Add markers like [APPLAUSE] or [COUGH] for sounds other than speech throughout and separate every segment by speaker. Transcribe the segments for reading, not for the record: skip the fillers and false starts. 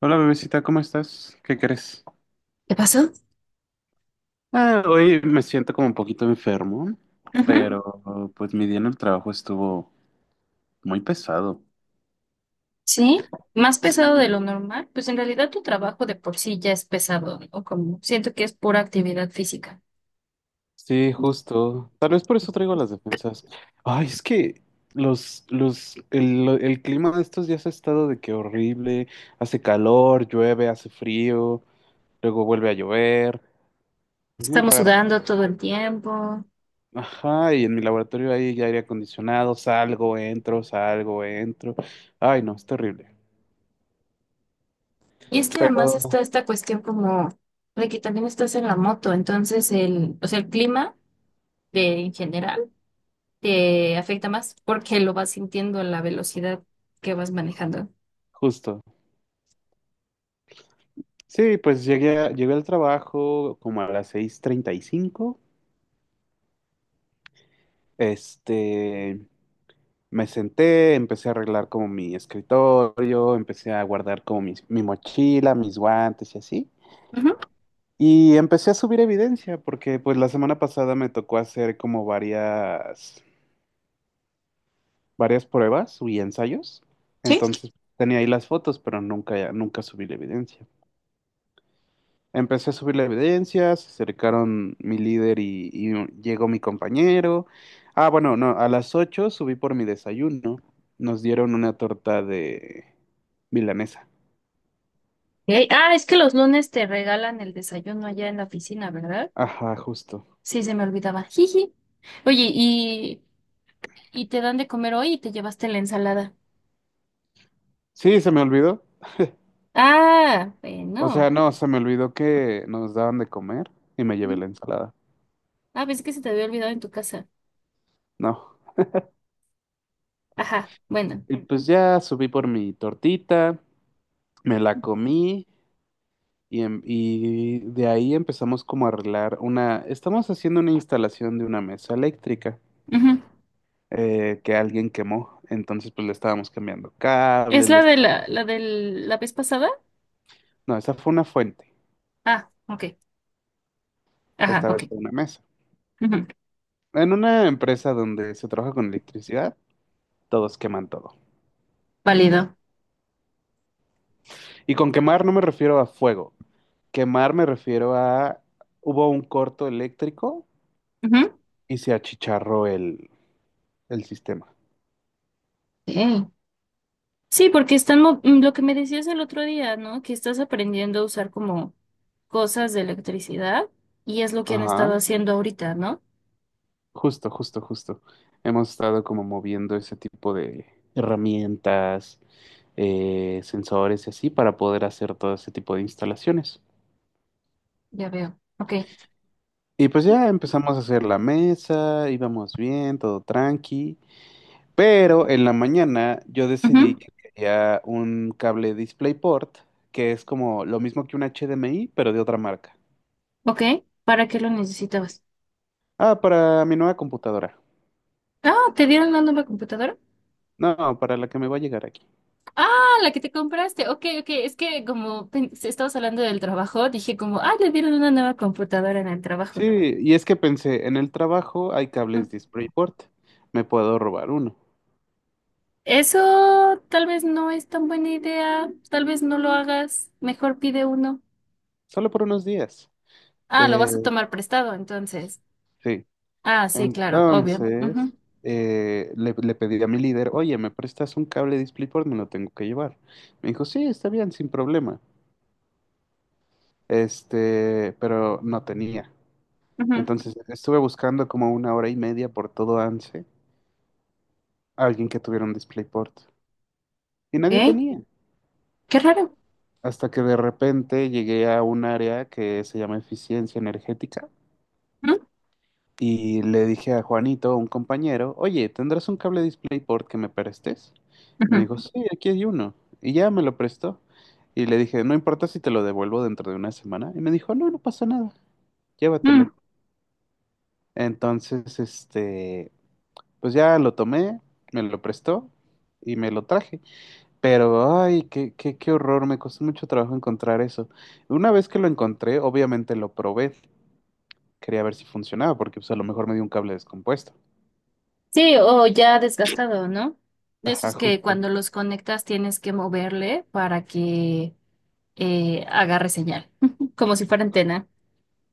Speaker 1: Hola bebecita, ¿cómo estás? ¿Qué crees?
Speaker 2: ¿Qué pasó?
Speaker 1: Ah, hoy me siento como un poquito enfermo,
Speaker 2: Ujú.
Speaker 1: pero pues mi día en el trabajo estuvo muy pesado.
Speaker 2: Sí, más pesado
Speaker 1: Sí.
Speaker 2: de lo normal, pues en realidad tu trabajo de por sí ya es pesado, o como siento que es pura actividad física.
Speaker 1: Sí, justo. Tal vez por eso traigo las defensas. Ay, es que el clima de estos días ha estado de que horrible. Hace calor, llueve, hace frío, luego vuelve a llover. Es muy
Speaker 2: Estamos
Speaker 1: raro.
Speaker 2: sudando todo el tiempo.
Speaker 1: Ajá, y en mi laboratorio hay aire acondicionado, salgo, entro, salgo, entro. Ay, no, es terrible.
Speaker 2: Y es que además
Speaker 1: Pero
Speaker 2: está esta cuestión como de que también estás en la moto, entonces el, o sea, el clima de, en general te afecta más porque lo vas sintiendo en la velocidad que vas manejando.
Speaker 1: justo. Sí, pues llegué al trabajo como a las 6:35. Este, Me senté, empecé a arreglar como mi escritorio, empecé a guardar como mi mochila, mis guantes y así.
Speaker 2: Ujú.
Speaker 1: Y empecé a subir evidencia porque pues la semana pasada me tocó hacer como varias pruebas y ensayos.
Speaker 2: Sí.
Speaker 1: Entonces tenía ahí las fotos, pero nunca, nunca subí la evidencia. Empecé a subir la evidencia, se acercaron mi líder y llegó mi compañero. Ah, bueno, no, a las 8 subí por mi desayuno. Nos dieron una torta de milanesa.
Speaker 2: Ok. Ah, es que los lunes te regalan el desayuno allá en la oficina, ¿verdad?
Speaker 1: Ajá, justo.
Speaker 2: Sí, se me olvidaba. Jiji. Oye, y te dan de comer hoy y te llevaste la ensalada?
Speaker 1: Sí, se me olvidó.
Speaker 2: Ah,
Speaker 1: O sea,
Speaker 2: bueno.
Speaker 1: no, se me olvidó que nos daban de comer y me llevé
Speaker 2: Mm.
Speaker 1: la ensalada.
Speaker 2: Ah, pensé que se te había olvidado en tu casa.
Speaker 1: No.
Speaker 2: Ajá, bueno.
Speaker 1: Y pues ya subí por mi tortita, me la comí y, y de ahí empezamos como a arreglar una. Estamos haciendo una instalación de una mesa eléctrica
Speaker 2: Ujú.
Speaker 1: que alguien quemó. Entonces, pues le estábamos cambiando
Speaker 2: ¿Es
Speaker 1: cables, le
Speaker 2: la de
Speaker 1: estábamos-
Speaker 2: la de la vez pasada?
Speaker 1: No, esa fue una fuente.
Speaker 2: Ah, ok. Ajá,
Speaker 1: Esta vez
Speaker 2: ok.
Speaker 1: fue una mesa.
Speaker 2: Ujú.
Speaker 1: En una empresa donde se trabaja con electricidad, todos queman todo.
Speaker 2: Válido.
Speaker 1: Y con quemar no me refiero a fuego. Quemar me refiero a. Hubo un corto eléctrico
Speaker 2: Ujú.
Speaker 1: y se achicharró el sistema.
Speaker 2: Sí. Sí, porque están, lo que me decías el otro día, ¿no? Que estás aprendiendo a usar como cosas de electricidad y es lo que han estado
Speaker 1: Ajá,
Speaker 2: haciendo ahorita, ¿no?
Speaker 1: justo, justo, justo. Hemos estado como moviendo ese tipo de herramientas, sensores y así para poder hacer todo ese tipo de instalaciones.
Speaker 2: Ya veo. Ok.
Speaker 1: Y pues ya empezamos a hacer la mesa, íbamos bien, todo tranqui, pero en la mañana yo decidí
Speaker 2: Ujú.
Speaker 1: que quería un cable DisplayPort, que es como lo mismo que un HDMI, pero de otra marca.
Speaker 2: Ok, ¿para qué lo necesitabas?
Speaker 1: Ah, para mi nueva computadora.
Speaker 2: Ah, ¿te dieron una nueva computadora?
Speaker 1: No, para la que me va a llegar aquí.
Speaker 2: Ah, la que te compraste. Ok, ok. Es que como si estabas hablando del trabajo, dije como, ah, le dieron una nueva computadora en el trabajo.
Speaker 1: Sí, y es que pensé, en el trabajo hay
Speaker 2: Ujú.
Speaker 1: cables DisplayPort, me puedo robar uno,
Speaker 2: Eso tal vez no es tan buena idea. Tal vez no lo hagas. Mejor pide uno.
Speaker 1: solo por unos días.
Speaker 2: Ah, lo
Speaker 1: Eh,
Speaker 2: vas a tomar prestado, entonces.
Speaker 1: sí.
Speaker 2: Ah, sí, claro, obvio. Ujú,
Speaker 1: Entonces, le pedí a mi líder, oye, ¿me prestas un cable DisplayPort? Me lo tengo que llevar. Me dijo, sí, está bien, sin problema. Pero no tenía.
Speaker 2: ujú.
Speaker 1: Entonces, estuve buscando como una hora y media por todo ANSE, alguien que tuviera un DisplayPort. Y nadie
Speaker 2: Ok,
Speaker 1: tenía.
Speaker 2: qué raro.
Speaker 1: Hasta que de repente llegué a un área que se llama eficiencia energética.
Speaker 2: Ujú.
Speaker 1: Y le dije a Juanito, un compañero, oye, ¿tendrás un cable DisplayPort que me prestes? Me
Speaker 2: Ujú.
Speaker 1: dijo, sí, aquí hay uno. Y ya me lo prestó. Y le dije, no importa si te lo devuelvo dentro de una semana. Y me dijo, no, no pasa nada, llévatelo.
Speaker 2: Mm.
Speaker 1: Entonces, pues ya lo tomé, me lo prestó y me lo traje. Pero, ay, qué, qué, qué horror, me costó mucho trabajo encontrar eso. Una vez que lo encontré, obviamente lo probé. Quería ver si funcionaba, porque pues a lo mejor me dio un cable descompuesto.
Speaker 2: Sí, o ya desgastado, ¿no? De
Speaker 1: Ajá,
Speaker 2: esos que
Speaker 1: justo.
Speaker 2: cuando los conectas tienes que moverle para que agarre señal, [LAUGHS] como si fuera antena,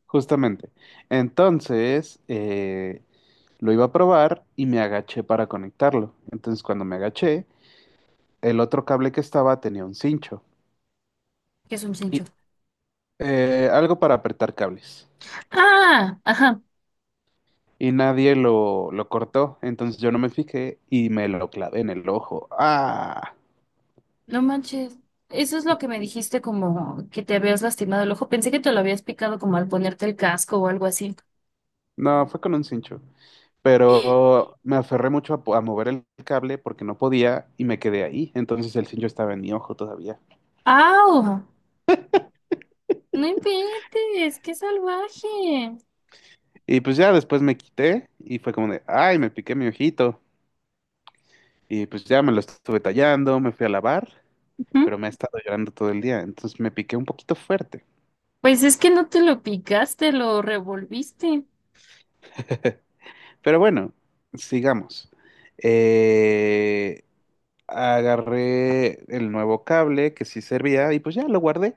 Speaker 1: Justamente. Entonces, lo iba a probar y me agaché para conectarlo. Entonces, cuando me agaché, el otro cable que estaba tenía un cincho.
Speaker 2: que es un
Speaker 1: Y,
Speaker 2: cincho.
Speaker 1: algo para apretar cables.
Speaker 2: Ah, ajá,
Speaker 1: Y nadie lo cortó. Entonces yo no me fijé y me lo clavé en el ojo. ¡Ah!
Speaker 2: no manches. Eso es lo que me dijiste como que te habías lastimado el ojo. Pensé que te lo habías picado como al ponerte el casco o algo así.
Speaker 1: No, fue con un cincho. Pero me aferré mucho a mover el cable porque no podía y me quedé ahí. Entonces el cincho estaba en mi ojo todavía.
Speaker 2: ¡Au! No inventes, qué salvaje.
Speaker 1: Y pues ya después me quité y fue como de, ay, me piqué mi ojito. Y pues ya me lo estuve tallando, me fui a lavar,
Speaker 2: Ujú.
Speaker 1: pero me ha estado llorando todo el día. Entonces me piqué un poquito fuerte.
Speaker 2: Pues es que no te lo picaste, lo revolviste.
Speaker 1: Pero bueno, sigamos. Eh, Agarré el nuevo cable que sí servía y pues ya lo guardé.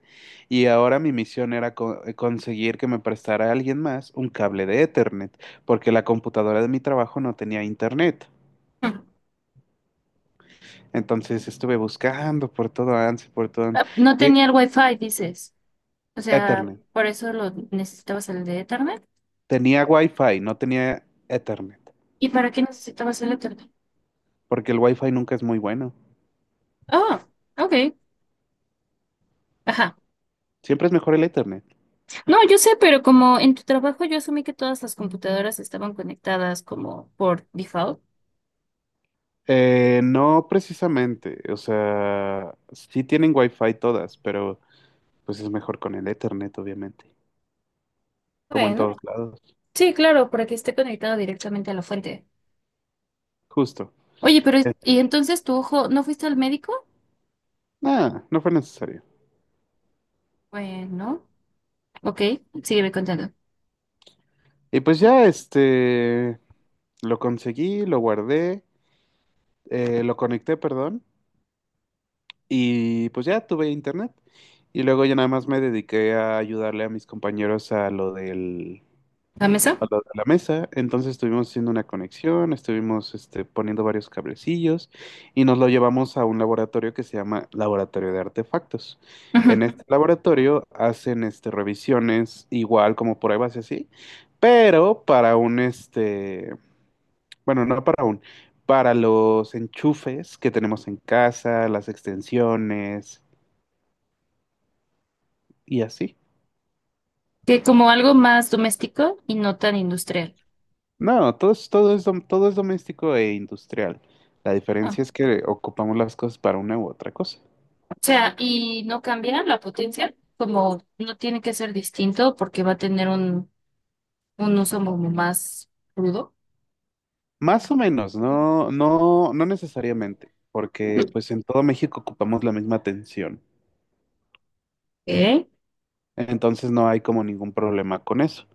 Speaker 1: Y ahora mi misión era conseguir que me prestara alguien más un cable de Ethernet, porque la computadora de mi trabajo no tenía internet.
Speaker 2: [LAUGHS]
Speaker 1: Entonces estuve buscando por todo Ansi, por todo Ansi.
Speaker 2: Ah, no tenía el wifi, dices. O sea,
Speaker 1: Ethernet.
Speaker 2: por eso lo necesitabas el de Ethernet.
Speaker 1: Tenía Wi-Fi, no tenía Ethernet,
Speaker 2: ¿Y para qué necesitabas el Ethernet?
Speaker 1: porque el Wi-Fi nunca es muy bueno.
Speaker 2: Oh, ok. Ajá.
Speaker 1: Siempre es mejor el Ethernet.
Speaker 2: No, yo sé, pero como en tu trabajo yo asumí que todas las computadoras estaban conectadas como por default.
Speaker 1: No precisamente, o sea, sí tienen Wi-Fi todas, pero pues es mejor con el Ethernet, obviamente, como en
Speaker 2: Bueno,
Speaker 1: todos lados.
Speaker 2: sí, claro, para que esté conectado directamente a la fuente.
Speaker 1: Justo.
Speaker 2: Oye, pero
Speaker 1: Eh,
Speaker 2: ¿y entonces tu ojo no fuiste al médico?
Speaker 1: Nada, no fue necesario.
Speaker 2: Bueno, ok, sígueme contando.
Speaker 1: Y pues ya, lo conseguí, lo guardé, lo conecté, perdón. Y pues ya tuve internet. Y luego ya nada más me dediqué a ayudarle a mis compañeros a lo del,
Speaker 2: ¿La
Speaker 1: a
Speaker 2: mesa?
Speaker 1: lo de la mesa. Entonces estuvimos haciendo una conexión, estuvimos poniendo varios cablecillos y nos lo llevamos a un laboratorio que se llama Laboratorio de Artefactos. En
Speaker 2: Ujú.
Speaker 1: este laboratorio hacen revisiones igual como pruebas y así, pero para un, bueno, no para un, para los enchufes que tenemos en casa, las extensiones y así.
Speaker 2: Que como algo más doméstico y no tan industrial.
Speaker 1: No, todo es doméstico e industrial. La diferencia es que ocupamos las cosas para una u otra cosa.
Speaker 2: O sea, y no cambia la potencia, como no tiene que ser distinto porque va a tener un uso como más crudo.
Speaker 1: Más o menos, no, no, no necesariamente, porque pues en todo México ocupamos la misma atención.
Speaker 2: ¿Eh?
Speaker 1: Entonces no hay como ningún problema con eso.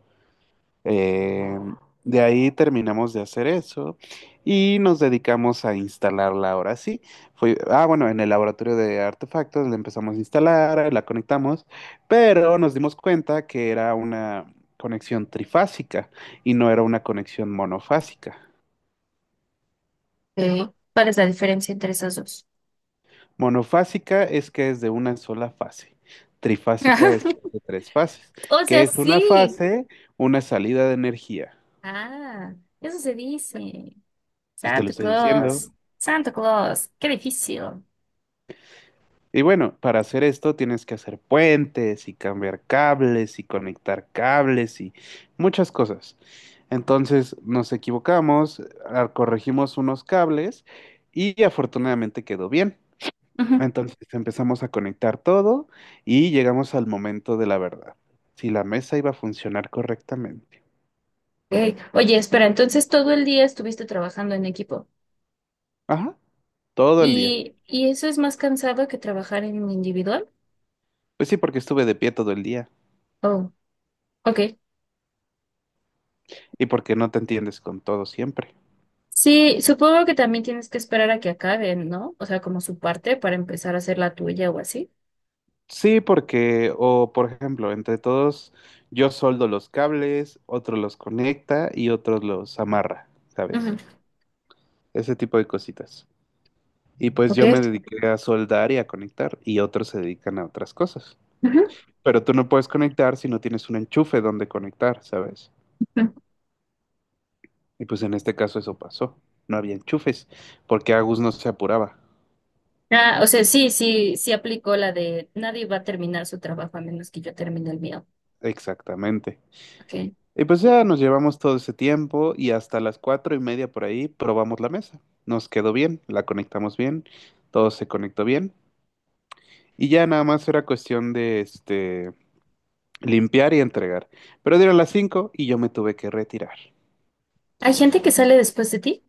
Speaker 1: Eh, de ahí terminamos de hacer eso y nos dedicamos a instalarla ahora sí. Ah, bueno, en el laboratorio de artefactos la empezamos a instalar, la conectamos, pero nos dimos cuenta que era una conexión trifásica y no era una conexión monofásica.
Speaker 2: Ok. ¿Cuál es la diferencia entre esas dos?
Speaker 1: Monofásica es que es de una sola fase. Trifásica es
Speaker 2: [LAUGHS]
Speaker 1: de tres fases,
Speaker 2: O
Speaker 1: que
Speaker 2: sea,
Speaker 1: es una
Speaker 2: sí.
Speaker 1: fase, una salida de energía.
Speaker 2: Ah, eso se dice.
Speaker 1: Pues te lo
Speaker 2: Santa
Speaker 1: estoy
Speaker 2: Claus.
Speaker 1: diciendo.
Speaker 2: Santa Claus, qué difícil.
Speaker 1: Y bueno, para hacer esto tienes que hacer puentes y cambiar cables y conectar cables y muchas cosas. Entonces nos equivocamos, corregimos unos cables y afortunadamente quedó bien.
Speaker 2: Ujú.
Speaker 1: Entonces empezamos a conectar todo y llegamos al momento de la verdad. Si la mesa iba a funcionar correctamente.
Speaker 2: Ok. Oye, espera, entonces todo el día estuviste trabajando en equipo.
Speaker 1: Ajá, todo el día.
Speaker 2: Y eso es más cansado que trabajar en individual?
Speaker 1: Pues sí, porque estuve de pie todo el día
Speaker 2: Oh, ok.
Speaker 1: y porque no te entiendes con todo siempre.
Speaker 2: Sí, supongo que también tienes que esperar a que acaben, ¿no? O sea, como su parte para empezar a hacer la tuya o así.
Speaker 1: Sí, porque, o por ejemplo, entre todos, yo soldo los cables, otro los conecta y otro los amarra,
Speaker 2: Ujú.
Speaker 1: ¿sabes? Ese tipo de cositas. Y pues
Speaker 2: Ok.
Speaker 1: yo me dediqué a soldar y a conectar, y otros se dedican a otras cosas.
Speaker 2: Ujú.
Speaker 1: Pero tú no puedes conectar si no tienes un enchufe donde conectar, ¿sabes?
Speaker 2: Ujú.
Speaker 1: Y pues en este caso eso pasó. No había enchufes, porque Agus no se apuraba.
Speaker 2: Ah, o sea, sí, sí, sí aplicó la de nadie va a terminar su trabajo a menos que yo termine el mío.
Speaker 1: Exactamente.
Speaker 2: Ok.
Speaker 1: Y pues ya nos llevamos todo ese tiempo y hasta las 4:30 por ahí probamos la mesa. Nos quedó bien, la conectamos bien, todo se conectó bien. Y ya nada más era cuestión de limpiar y entregar. Pero dieron las cinco y yo me tuve que retirar.
Speaker 2: ¿Hay gente que sale después de ti?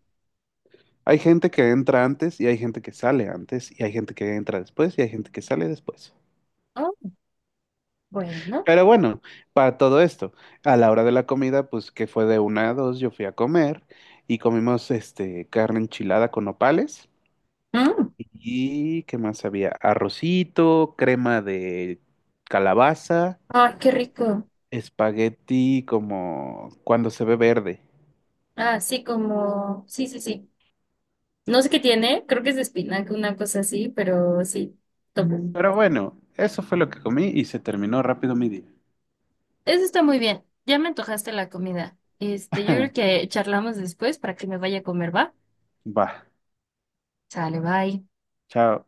Speaker 1: Hay gente que entra antes y hay gente que sale antes y hay gente que entra después y hay gente que sale después.
Speaker 2: Oh, bueno.
Speaker 1: Pero bueno, para todo esto, a la hora de la comida, pues que fue de una a dos, yo fui a comer y comimos carne enchilada con nopales.
Speaker 2: Mm.
Speaker 1: ¿Y qué más había? Arrocito, crema de calabaza,
Speaker 2: Ah, qué rico.
Speaker 1: espagueti como cuando se ve verde.
Speaker 2: Ah, sí, como, sí, sí, sí. No sé qué tiene, creo que es de espinaca, una cosa así, pero sí, tomo.
Speaker 1: Pero bueno, eso fue lo que comí y se terminó rápido mi día.
Speaker 2: Eso está muy bien. Ya me antojaste la comida. Este, yo creo
Speaker 1: [LAUGHS]
Speaker 2: que charlamos después para que me vaya a comer, ¿va?
Speaker 1: Va,
Speaker 2: Sale, bye.
Speaker 1: chao.